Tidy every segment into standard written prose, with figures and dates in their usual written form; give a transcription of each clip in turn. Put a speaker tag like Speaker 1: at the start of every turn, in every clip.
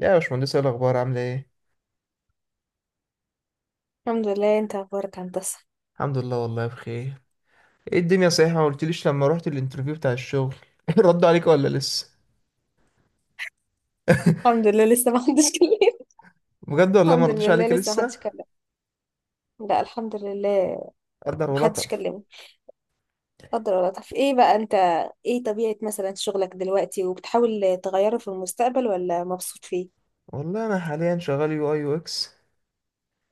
Speaker 1: يا باشمهندس، ايه الاخبار؟ عامله ايه؟
Speaker 2: الحمد لله. انت اخبارك هندسه؟
Speaker 1: الحمد لله والله بخير. ايه الدنيا صحيحه؟ ما قلتليش لما رحت الانترفيو بتاع الشغل. ردوا عليك ولا لسه؟
Speaker 2: الحمد لله، لسه ما حدش كلمني.
Speaker 1: بجد؟ والله ما
Speaker 2: الحمد
Speaker 1: ردوش
Speaker 2: لله،
Speaker 1: عليك
Speaker 2: لسه ما
Speaker 1: لسه؟
Speaker 2: حدش كلم. لا الحمد لله.
Speaker 1: قدر
Speaker 2: ما حدش
Speaker 1: ولطف.
Speaker 2: كلمني. قدر. ولا طب ايه بقى انت؟ ايه طبيعه مثلا شغلك دلوقتي، وبتحاول تغيره في المستقبل ولا مبسوط فيه؟
Speaker 1: والله انا حاليا شغال يو اي يو اكس،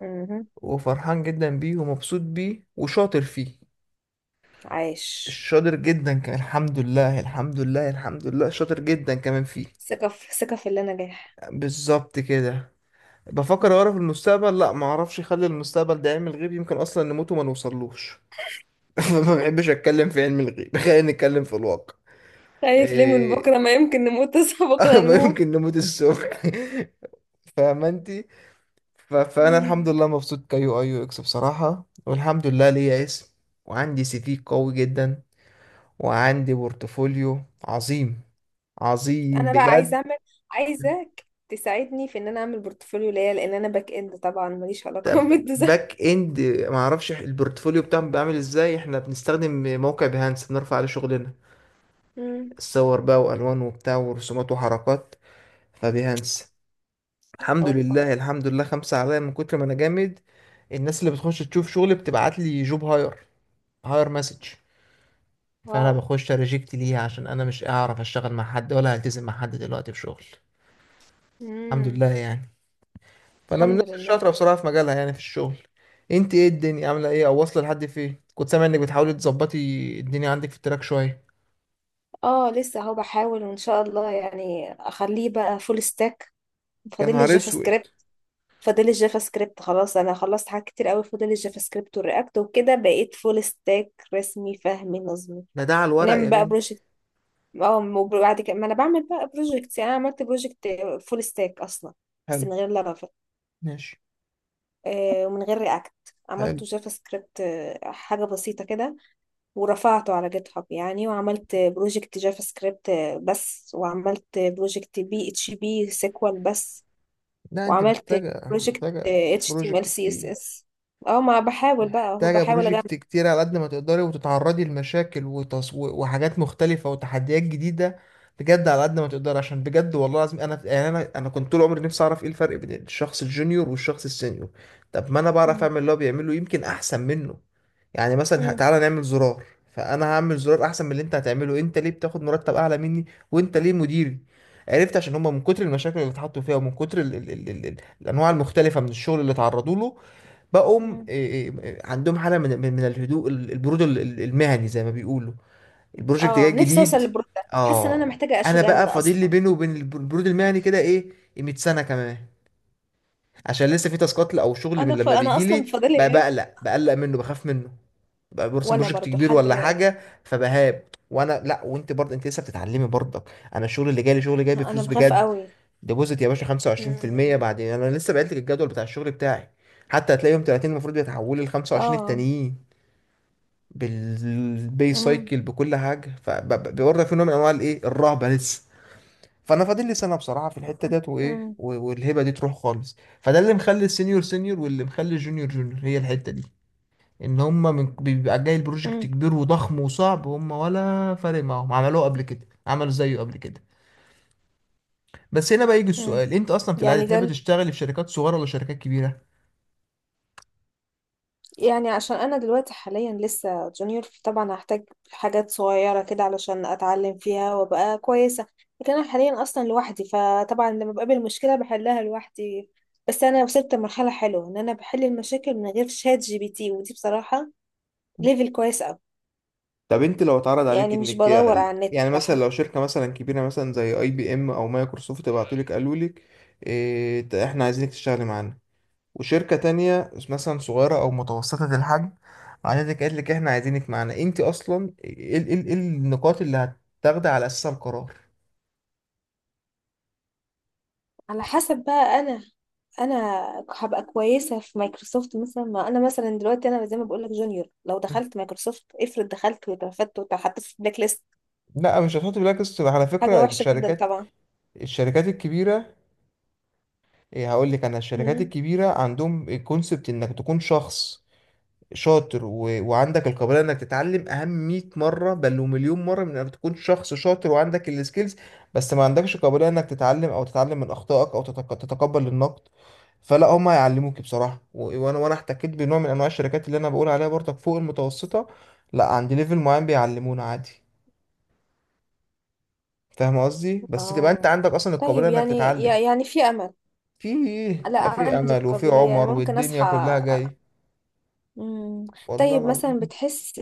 Speaker 2: امم.
Speaker 1: وفرحان جدا بيه ومبسوط بيه وشاطر فيه.
Speaker 2: عايش.
Speaker 1: شاطر جدا كان، الحمد لله الحمد لله الحمد لله، شاطر جدا كمان فيه.
Speaker 2: ثقه في اللي نجاح.
Speaker 1: بالظبط كده. بفكر
Speaker 2: مم.
Speaker 1: اعرف المستقبل، لا ما اعرفش، اخلي المستقبل ده يعمل غيب، يمكن اصلا نموت وما نوصلوش. ما بحبش اتكلم في علم الغيب، خلينا نتكلم في الواقع.
Speaker 2: خايف ليه من
Speaker 1: إيه...
Speaker 2: بكره؟ ما يمكن نموت. تصحى بكره
Speaker 1: ما
Speaker 2: نموت.
Speaker 1: يمكن نموت الصبح. فاهمة انت. فانا الحمد
Speaker 2: مم.
Speaker 1: لله مبسوط كيو اي يو اكس بصراحة، والحمد لله ليا اسم، وعندي سي في قوي جدا، وعندي بورتفوليو عظيم، عظيم
Speaker 2: انا بقى عايزه
Speaker 1: بجد.
Speaker 2: اعمل. عايزاك تساعدني في ان انا اعمل بورتفوليو ليا، لان انا باك اند طبعا ماليش علاقه
Speaker 1: طب
Speaker 2: بالديزاين.
Speaker 1: باك اند ما اعرفش البورتفوليو بتاعهم بيعمل ازاي، احنا بنستخدم موقع بيهانس، بنرفع عليه شغلنا،
Speaker 2: مم.
Speaker 1: الصور بقى والوان وبتاع ورسومات وحركات، فبيهانس الحمد
Speaker 2: اوبا.
Speaker 1: لله الحمد لله، خمسة عليا من كتر ما انا جامد. الناس اللي بتخش تشوف شغل بتبعت لي جوب هاير، هاير مسج، فانا
Speaker 2: واو.
Speaker 1: بخش ريجكت ليها عشان انا مش اعرف اشتغل مع حد، ولا هلتزم مع حد دلوقتي في شغل. الحمد لله
Speaker 2: امم.
Speaker 1: يعني. فانا من
Speaker 2: الحمد
Speaker 1: الناس
Speaker 2: لله.
Speaker 1: الشاطرة بصراحة في مجالها، يعني في الشغل. انت ايه الدنيا عاملة ايه، او واصلة لحد فين؟ كنت سامع انك بتحاولي تظبطي الدنيا عندك في التراك شوية.
Speaker 2: اه، لسه اهو بحاول وان شاء الله يعني اخليه بقى فول ستاك.
Speaker 1: يا
Speaker 2: فاضل لي
Speaker 1: نهار
Speaker 2: الجافا
Speaker 1: اسود.
Speaker 2: سكريبت فاضل لي الجافا سكريبت خلاص. انا خلصت حاجات كتير قوي. فاضل لي الجافا سكريبت والرياكت وكده بقيت فول ستاك رسمي فهمي نظمي.
Speaker 1: ده على الورق
Speaker 2: ونعمل
Speaker 1: يا
Speaker 2: بقى
Speaker 1: بنتي.
Speaker 2: بروجكت. اه، وبعد كده ما انا بعمل بقى بروجكت. يعني انا عملت بروجكت فول ستاك اصلا. بس
Speaker 1: حلو.
Speaker 2: من غير لارافيل.
Speaker 1: ماشي.
Speaker 2: آه، ومن غير رياكت.
Speaker 1: حلو.
Speaker 2: عملته جافا سكريبت، آه، حاجة بسيطة كده. ورفعته على جيت هاب يعني. وعملت بروجكت جافا سكريبت بس. وعملت بروجكت بي اتش بي سيكوال بس.
Speaker 1: لا انت
Speaker 2: وعملت
Speaker 1: محتاجة،
Speaker 2: بروجكت
Speaker 1: محتاجة
Speaker 2: اتش تي ام ال
Speaker 1: بروجكت
Speaker 2: سي اس
Speaker 1: كتير،
Speaker 2: اس. اه، ما بحاول بقى اهو
Speaker 1: محتاجة
Speaker 2: بحاول اجمع.
Speaker 1: بروجكت كتير على قد ما تقدري، وتتعرضي لمشاكل وحاجات مختلفة وتحديات جديدة. بجد على قد ما تقدري، عشان بجد والله العظيم انا يعني انا كنت طول عمري نفسي اعرف ايه الفرق بين الشخص الجونيور والشخص السينيور. طب ما انا بعرف
Speaker 2: مم.
Speaker 1: اعمل اللي هو بيعمله، يمكن احسن منه. يعني مثلا
Speaker 2: مم.
Speaker 1: تعالى نعمل زرار، فانا هعمل زرار احسن من اللي انت هتعمله. انت ليه بتاخد مرتب اعلى مني؟ وانت ليه مديري؟ عرفت عشان هما من كتر المشاكل اللي اتحطوا فيها، ومن كتر ال الانواع المختلفة من الشغل اللي اتعرضوا له، بقوم
Speaker 2: مم.
Speaker 1: إيه، إيه عندهم حالة من من الهدوء، البرود المهني زي ما بيقولوا. البروجكت جاي
Speaker 2: اه، نفسي اوصل
Speaker 1: جديد،
Speaker 2: للبرو ده. حاسه ان انا
Speaker 1: اه.
Speaker 2: محتاجه
Speaker 1: انا
Speaker 2: اشوجان
Speaker 1: بقى
Speaker 2: ده
Speaker 1: فاضل لي
Speaker 2: اصلا.
Speaker 1: بينه وبين البرود المهني كده ايه؟ 100 سنة كمان، عشان لسه في تاسكات او شغل من لما
Speaker 2: انا
Speaker 1: بيجي
Speaker 2: اصلا
Speaker 1: لي
Speaker 2: فاضلي
Speaker 1: بقى،
Speaker 2: ايه.
Speaker 1: بقلق، بقلق منه، بخاف منه، بقى برسم
Speaker 2: وانا
Speaker 1: بروجكت
Speaker 2: برضو
Speaker 1: كبير
Speaker 2: لحد
Speaker 1: ولا
Speaker 2: دلوقتي.
Speaker 1: حاجة فبهاب. وانا لا، وانت برضه انت لسه بتتعلمي برضك. انا الشغل اللي جاي لي شغل جاي
Speaker 2: انا
Speaker 1: بفلوس
Speaker 2: بخاف
Speaker 1: بجد،
Speaker 2: قوي.
Speaker 1: ديبوزيت يا باشا 25%
Speaker 2: مم.
Speaker 1: بعد. انا لسه بعت لك الجدول بتاع الشغل بتاعي، حتى هتلاقي يوم 30 المفروض بيتحولوا ل 25
Speaker 2: اه.
Speaker 1: التانيين بالبي
Speaker 2: مم.
Speaker 1: سايكل بكل حاجه. فبرضه في نوع من انواع الايه، الرهبه لسه. فانا فاضل لي سنه بصراحه في الحته ديت، وايه
Speaker 2: مم.
Speaker 1: والهبه دي تروح خالص، فده اللي مخلي السينيور سينيور، واللي مخلي الجونيور جونيور، هي الحته دي. ان هم من بيبقى جاي البروجكت
Speaker 2: مم.
Speaker 1: كبير وضخم وصعب، هم ولا فارق معاهم، عملوه قبل كده، عملوا زيه قبل كده. بس هنا بقى يجي
Speaker 2: مم.
Speaker 1: السؤال، انت اصلا في العاده
Speaker 2: يعني
Speaker 1: تحب
Speaker 2: ده،
Speaker 1: تشتغل في شركات صغيره ولا شركات كبيره؟
Speaker 2: يعني عشان انا دلوقتي حاليا لسه جونيور طبعا هحتاج حاجات صغيره كده علشان اتعلم فيها وابقى كويسه. لكن انا حاليا اصلا لوحدي، فطبعا لما بقابل مشكله بحلها لوحدي. بس انا وصلت لمرحله حلوه ان انا بحل المشاكل من غير شات جي بي تي، ودي بصراحه ليفل كويس قوي.
Speaker 1: طب انت لو اتعرض عليك
Speaker 2: يعني مش
Speaker 1: انك،
Speaker 2: بدور على النت.
Speaker 1: يعني مثلا لو شركه مثلا كبيره مثلا زي اي بي ام او مايكروسوفت بعتولك قالوا لك إيه، احنا عايزينك تشتغلي معانا، وشركه تانية مثلا صغيره او متوسطه الحجم عايزك قالت لك احنا عايزينك معانا، انت اصلا ايه النقاط اللي هتاخدي على اساسها القرار؟
Speaker 2: على حسب بقى. انا انا هبقى كويسه في مايكروسوفت مثلا. ما انا مثلا دلوقتي انا زي ما بقول لك جونيور، لو دخلت مايكروسوفت افرض دخلت واترفدت واتحطيت في بلاك ليست،
Speaker 1: لا مش هتحط، بالعكس على
Speaker 2: حاجة
Speaker 1: فكره
Speaker 2: وحشة جدا
Speaker 1: الشركات،
Speaker 2: طبعا.
Speaker 1: الشركات الكبيره، إيه هقول لك، انا الشركات
Speaker 2: مم.
Speaker 1: الكبيره عندهم الكونسبت انك تكون شخص شاطر وعندك القابليه انك تتعلم اهم 100 مره بل ومليون مره من انك تكون شخص شاطر وعندك السكيلز بس ما عندكش قابليه انك تتعلم، او تتعلم من اخطائك، او تتقبل النقد. فلا، هم هيعلموك بصراحه، وانا احتكيت بنوع من انواع الشركات اللي انا بقول عليها برضك، فوق المتوسطه لا، عند ليفل معين بيعلمونا عادي. فاهم قصدي؟ بس تبقى انت
Speaker 2: اه،
Speaker 1: عندك اصلا القابليه
Speaker 2: طيب
Speaker 1: انك
Speaker 2: يعني،
Speaker 1: تتعلم.
Speaker 2: يعني في امل؟
Speaker 1: في،
Speaker 2: لا
Speaker 1: في
Speaker 2: عندي
Speaker 1: امل وفي
Speaker 2: القابلية. انا
Speaker 1: عمر،
Speaker 2: ممكن
Speaker 1: والدنيا
Speaker 2: اصحى.
Speaker 1: كلها جاي
Speaker 2: مم.
Speaker 1: والله
Speaker 2: طيب مثلا
Speaker 1: العظيم.
Speaker 2: بتحس،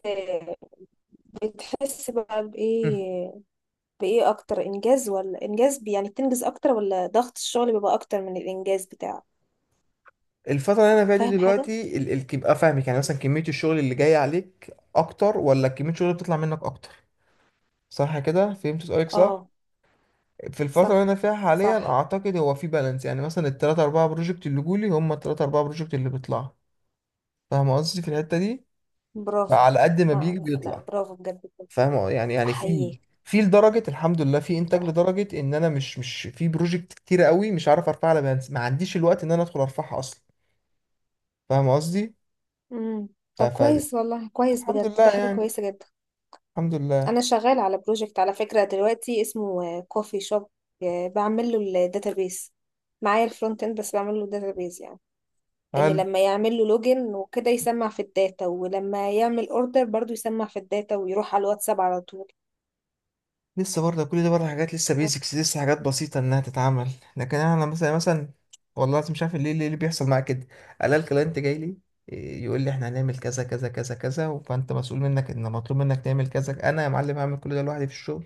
Speaker 2: بتحس بقى
Speaker 1: مم.
Speaker 2: بايه بايه اكتر انجاز ولا انجاز، يعني بتنجز اكتر ولا ضغط الشغل بيبقى اكتر من الانجاز بتاعه؟
Speaker 1: الفترة اللي أنا فيها دي
Speaker 2: فاهم حاجة.
Speaker 1: دلوقتي يبقى فاهمك، يعني مثلا كمية الشغل اللي جاي عليك أكتر ولا كمية الشغل اللي بتطلع منك أكتر؟ صح كده، فهمت سؤالك صح؟
Speaker 2: اه.
Speaker 1: في الفترة اللي
Speaker 2: صح
Speaker 1: أنا فيها حاليا
Speaker 2: صح.
Speaker 1: أعتقد هو في بالانس، يعني مثلا التلاتة أربعة بروجكت اللي جولي هم التلاتة أربعة بروجكت اللي بيطلعوا. فاهم قصدي في الحتة دي؟
Speaker 2: برافو.
Speaker 1: على قد ما
Speaker 2: ما-
Speaker 1: بيجي
Speaker 2: لا
Speaker 1: بيطلع.
Speaker 2: برافو بجد بجد.
Speaker 1: فاهم يعني، يعني في،
Speaker 2: احييك.
Speaker 1: في لدرجة الحمد لله في إنتاج
Speaker 2: تحفة.
Speaker 1: لدرجة إن أنا مش في بروجكت كتيرة قوي مش عارف أرفعها على بالانس، ما عنديش الوقت إن أنا أدخل أرفعها أصلا. فاهم
Speaker 2: مم. طب
Speaker 1: قصدي؟
Speaker 2: كويس والله، كويس
Speaker 1: الحمد
Speaker 2: بجد.
Speaker 1: لله
Speaker 2: ده حاجة
Speaker 1: يعني.
Speaker 2: كويسة جدا.
Speaker 1: الحمد لله.
Speaker 2: انا شغال على بروجكت على فكره دلوقتي، اسمه كوفي شوب. بعمل له الداتابيس. معايا الفرونت اند بس، بعمل له الداتابيس يعني. ان
Speaker 1: حلو.
Speaker 2: لما يعمل له لوجن وكده يسمع في الداتا، ولما يعمل اوردر برضو يسمع في الداتا ويروح على الواتساب على طول.
Speaker 1: لسه برضه كل ده برضه حاجات لسه بيزكس، لسه حاجات بسيطة إنها تتعمل. لكن أنا مثلا والله العظيم مش عارف ليه، ليه اللي بيحصل معايا كده، ألاقي الكلاينت جاي لي، إيه، يقول لي إحنا هنعمل كذا كذا كذا كذا، فأنت مسؤول منك، إن مطلوب منك تعمل كذا. أنا يا معلم هعمل كل ده لوحدي في الشغل.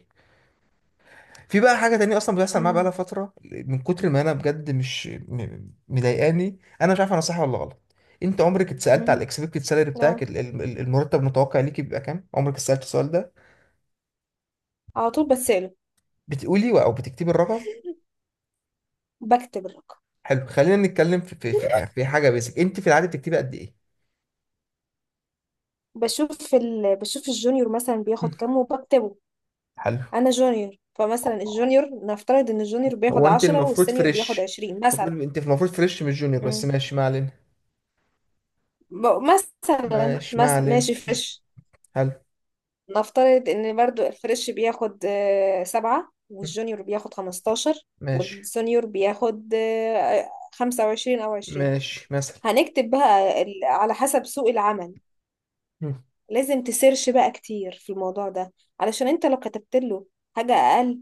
Speaker 1: في بقى حاجة تانية أصلا بتحصل معايا بقالها
Speaker 2: مم.
Speaker 1: فترة، من كتر ما أنا بجد مش مضايقاني، أنا مش عارف أنا صح ولا غلط. أنت عمرك اتسألت على
Speaker 2: امم.
Speaker 1: الإكسبكتد سالري بتاعك،
Speaker 2: لا،
Speaker 1: المرتب المتوقع ليك بيبقى كام؟ عمرك اتسألت السؤال ده؟
Speaker 2: على طول بسأله.
Speaker 1: بتقولي او بتكتبي الرقم؟
Speaker 2: بكتب الرقم.
Speaker 1: حلو، خلينا نتكلم في حاجه بيسك، انت في العاده بتكتبي قد ايه؟
Speaker 2: بشوف الجونيور مثلا
Speaker 1: مم.
Speaker 2: بياخد كام وبكتبه.
Speaker 1: حلو.
Speaker 2: انا جونيور، فمثلا الجونيور نفترض ان الجونيور بياخد
Speaker 1: هو انت
Speaker 2: 10
Speaker 1: المفروض
Speaker 2: والسينيور بياخد
Speaker 1: فريش،
Speaker 2: 20 مثلا.
Speaker 1: المفروض انت المفروض فريش مش جونيور، بس ماشي ما علينا.
Speaker 2: مثلا،
Speaker 1: ماشي ما علينا
Speaker 2: ماشي فريش.
Speaker 1: حلو.
Speaker 2: نفترض ان برضو الفريش بياخد آه، سبعة،
Speaker 1: مم.
Speaker 2: والجونيور بياخد 15.
Speaker 1: ماشي.
Speaker 2: والسونيور بياخد آه، 25 أو 20.
Speaker 1: ماشي مثلا.
Speaker 2: هنكتب بقى على حسب سوق العمل.
Speaker 1: مم.
Speaker 2: لازم تسيرش بقى كتير في الموضوع ده، علشان انت لو كتبت له حاجة أقل،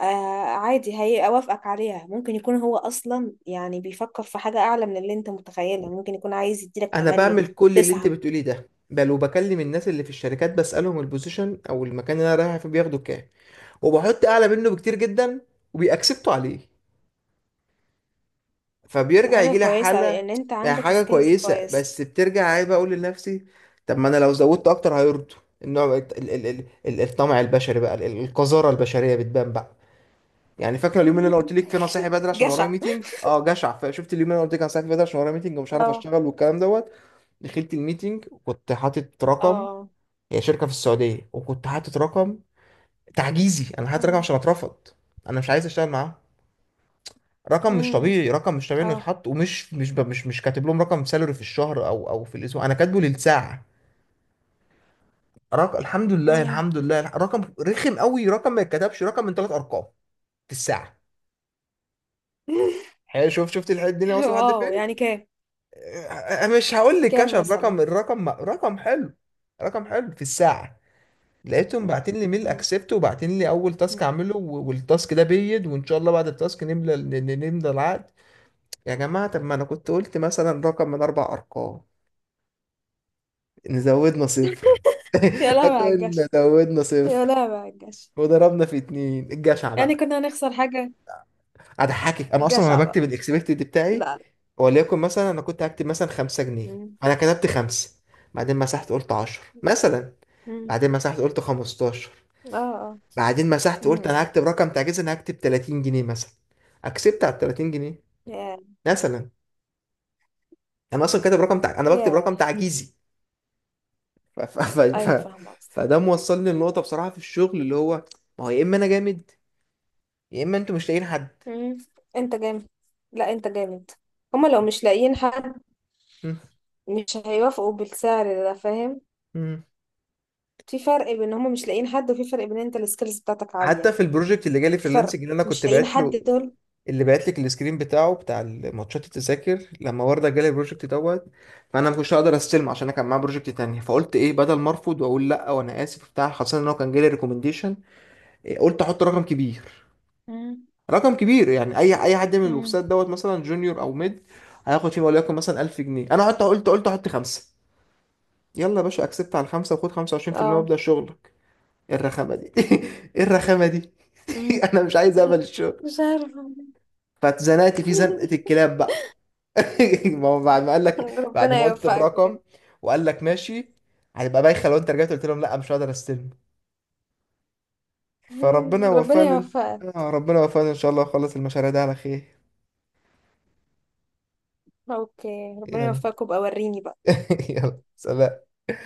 Speaker 2: آه، عادي هيوافقك عليها. ممكن يكون هو أصلا يعني بيفكر في حاجة أعلى من اللي انت متخيلها. ممكن يكون عايز يديلك
Speaker 1: انا
Speaker 2: تمانية،
Speaker 1: بعمل كل اللي انت
Speaker 2: تسعة.
Speaker 1: بتقوليه ده، بل وبكلم الناس اللي في الشركات بسألهم البوزيشن او المكان اللي انا رايح فيه بياخدوا كام، وبحط اعلى منه بكتير جدا، وبيأكسبتوا عليه،
Speaker 2: ده
Speaker 1: فبيرجع
Speaker 2: حاجة
Speaker 1: يجي لي
Speaker 2: كويسة
Speaker 1: حاله.
Speaker 2: لأن أنت
Speaker 1: يعني
Speaker 2: عندك
Speaker 1: حاجه
Speaker 2: سكيلز
Speaker 1: كويسه،
Speaker 2: كويسة.
Speaker 1: بس بترجع عيب اقول لنفسي، طب ما انا لو زودت اكتر هيرضوا. النوع الطمع البشري بقى، القذاره البشريه بتبان بقى. يعني فاكره اليوم اللي انا قلت لك فيه انا صاحي بدري عشان ورايا
Speaker 2: جشع.
Speaker 1: ميتنج؟ اه، جشع. فشفت اليوم اللي انا قلت لك انا صاحي بدري عشان ورايا ميتنج ومش عارف
Speaker 2: اه
Speaker 1: اشتغل والكلام دوت، دخلت الميتنج وكنت حاطط رقم،
Speaker 2: اه.
Speaker 1: هي شركه في السعوديه، وكنت حاطط رقم تعجيزي، انا حاطط رقم
Speaker 2: أمم،
Speaker 1: عشان اترفض، انا مش عايز اشتغل معاهم. رقم مش
Speaker 2: أمم،
Speaker 1: طبيعي، رقم مش طبيعي انه
Speaker 2: اه
Speaker 1: يتحط، ومش مش ب- مش مش كاتب لهم رقم سالري في الشهر او في الاسبوع، انا كاتبه للساعه. رقم، الحمد لله
Speaker 2: أمم.
Speaker 1: الحمد لله رقم رخم قوي، رقم ما يتكتبش، رقم من ثلاث ارقام في الساعه. حلو، شوف، شفت الدنيا واصله لحد
Speaker 2: واو،
Speaker 1: فين.
Speaker 2: يعني كام؟
Speaker 1: آه، مش هقول لك
Speaker 2: كام
Speaker 1: كشف
Speaker 2: مثلا؟
Speaker 1: رقم، الرقم رقم حلو، رقم حلو في الساعه. لقيتهم
Speaker 2: مم.
Speaker 1: باعتين لي ميل اكسبت، وباعتين لي اول تاسك اعمله، والتاسك ده بيد، وان شاء الله بعد التاسك نملى نملى العقد. يا جماعه، طب ما انا كنت قلت مثلا رقم من اربع ارقام، إن زودنا صفر.
Speaker 2: يا لهوي على الجشع.
Speaker 1: كنا زودنا
Speaker 2: يا
Speaker 1: صفر
Speaker 2: لهوي على الجشع.
Speaker 1: وضربنا في اتنين، الجشع
Speaker 2: يعني
Speaker 1: بقى.
Speaker 2: كنا هنخسر حاجة؟
Speaker 1: اضحكك، انا اصلا
Speaker 2: جشع
Speaker 1: وانا
Speaker 2: بقى.
Speaker 1: بكتب الاكسبكتد
Speaker 2: لا
Speaker 1: بتاعي،
Speaker 2: لا.
Speaker 1: وليكن مثلا انا كنت هكتب مثلا خمسة جنيه،
Speaker 2: أمم،
Speaker 1: انا كتبت خمسة، بعدين مسحت قلت عشر مثلا،
Speaker 2: أمم.
Speaker 1: بعدين مسحت قلت خمستاشر،
Speaker 2: اه اه.
Speaker 1: بعدين مسحت قلت انا
Speaker 2: أمم.
Speaker 1: هكتب رقم تعجيزي، انا هكتب 30 جنيه مثلا، اكسبت على 30 جنيه
Speaker 2: يا
Speaker 1: مثلا. انا اصلا كاتب رقم انا بكتب
Speaker 2: يا
Speaker 1: رقم تعجيزي. ف... ف... ف...
Speaker 2: أيوة
Speaker 1: ف...
Speaker 2: فاهمة قصدك.
Speaker 1: فده موصلني لنقطة بصراحة في الشغل اللي هو، ما هو يا اما انا جامد، يا اما انتوا مش لاقيين حد.
Speaker 2: مم. أنت جامد. لا أنت جامد. هما لو مش لاقيين حد
Speaker 1: مم.
Speaker 2: مش هيوافقوا بالسعر ده، فاهم؟
Speaker 1: مم.
Speaker 2: في فرق بين هما مش لاقيين حد، وفي فرق بين انت السكيلز بتاعتك عالية.
Speaker 1: حتى في البروجكت اللي جالي
Speaker 2: في فرق.
Speaker 1: فريلانسنج اللي انا كنت
Speaker 2: مش لاقيين
Speaker 1: بعت
Speaker 2: حد
Speaker 1: له،
Speaker 2: دول.
Speaker 1: اللي بعت لك السكرين بتاعه بتاع الماتشات التذاكر، لما ورده جالي البروجكت دوت، فانا ما كنتش هقدر استلم عشان انا كان معايا بروجكت تاني، فقلت ايه بدل ما ارفض واقول لا وانا اسف بتاع، خاصه ان هو كان جالي ريكومنديشن، قلت احط رقم كبير،
Speaker 2: مم.
Speaker 1: رقم كبير يعني اي حد من الويب
Speaker 2: مم.
Speaker 1: سايت دوت مثلا جونيور او ميد هياخد فيه، وليكن مثلا 1000 جنيه، انا حتى قلت احط خمسه، يلا يا باشا اكسبت على الخمسه وخد 25%
Speaker 2: اه.
Speaker 1: وابدا شغل. ايه الرخامه دي؟ ايه الرخامه دي؟
Speaker 2: مم.
Speaker 1: انا مش عايز اقبل الشغل.
Speaker 2: مش عارفة.
Speaker 1: فاتزنقت في زنقه الكلاب بقى. ما هو بعد ما قال لك، بعد
Speaker 2: ربنا
Speaker 1: ما قلت
Speaker 2: يوفقك بجد.
Speaker 1: الرقم وقال لك ماشي، هتبقى بايخه لو انت رجعت قلت لهم لا مش هقدر استلم. فربنا
Speaker 2: ربنا
Speaker 1: وفقني.
Speaker 2: يوفقك.
Speaker 1: آه، ربنا وفقني ان شاء الله اخلص المشاريع دي على خير.
Speaker 2: اوكي، ربنا
Speaker 1: يلا.
Speaker 2: يوفقك وابقى وريني بقى.
Speaker 1: يلا، سلام.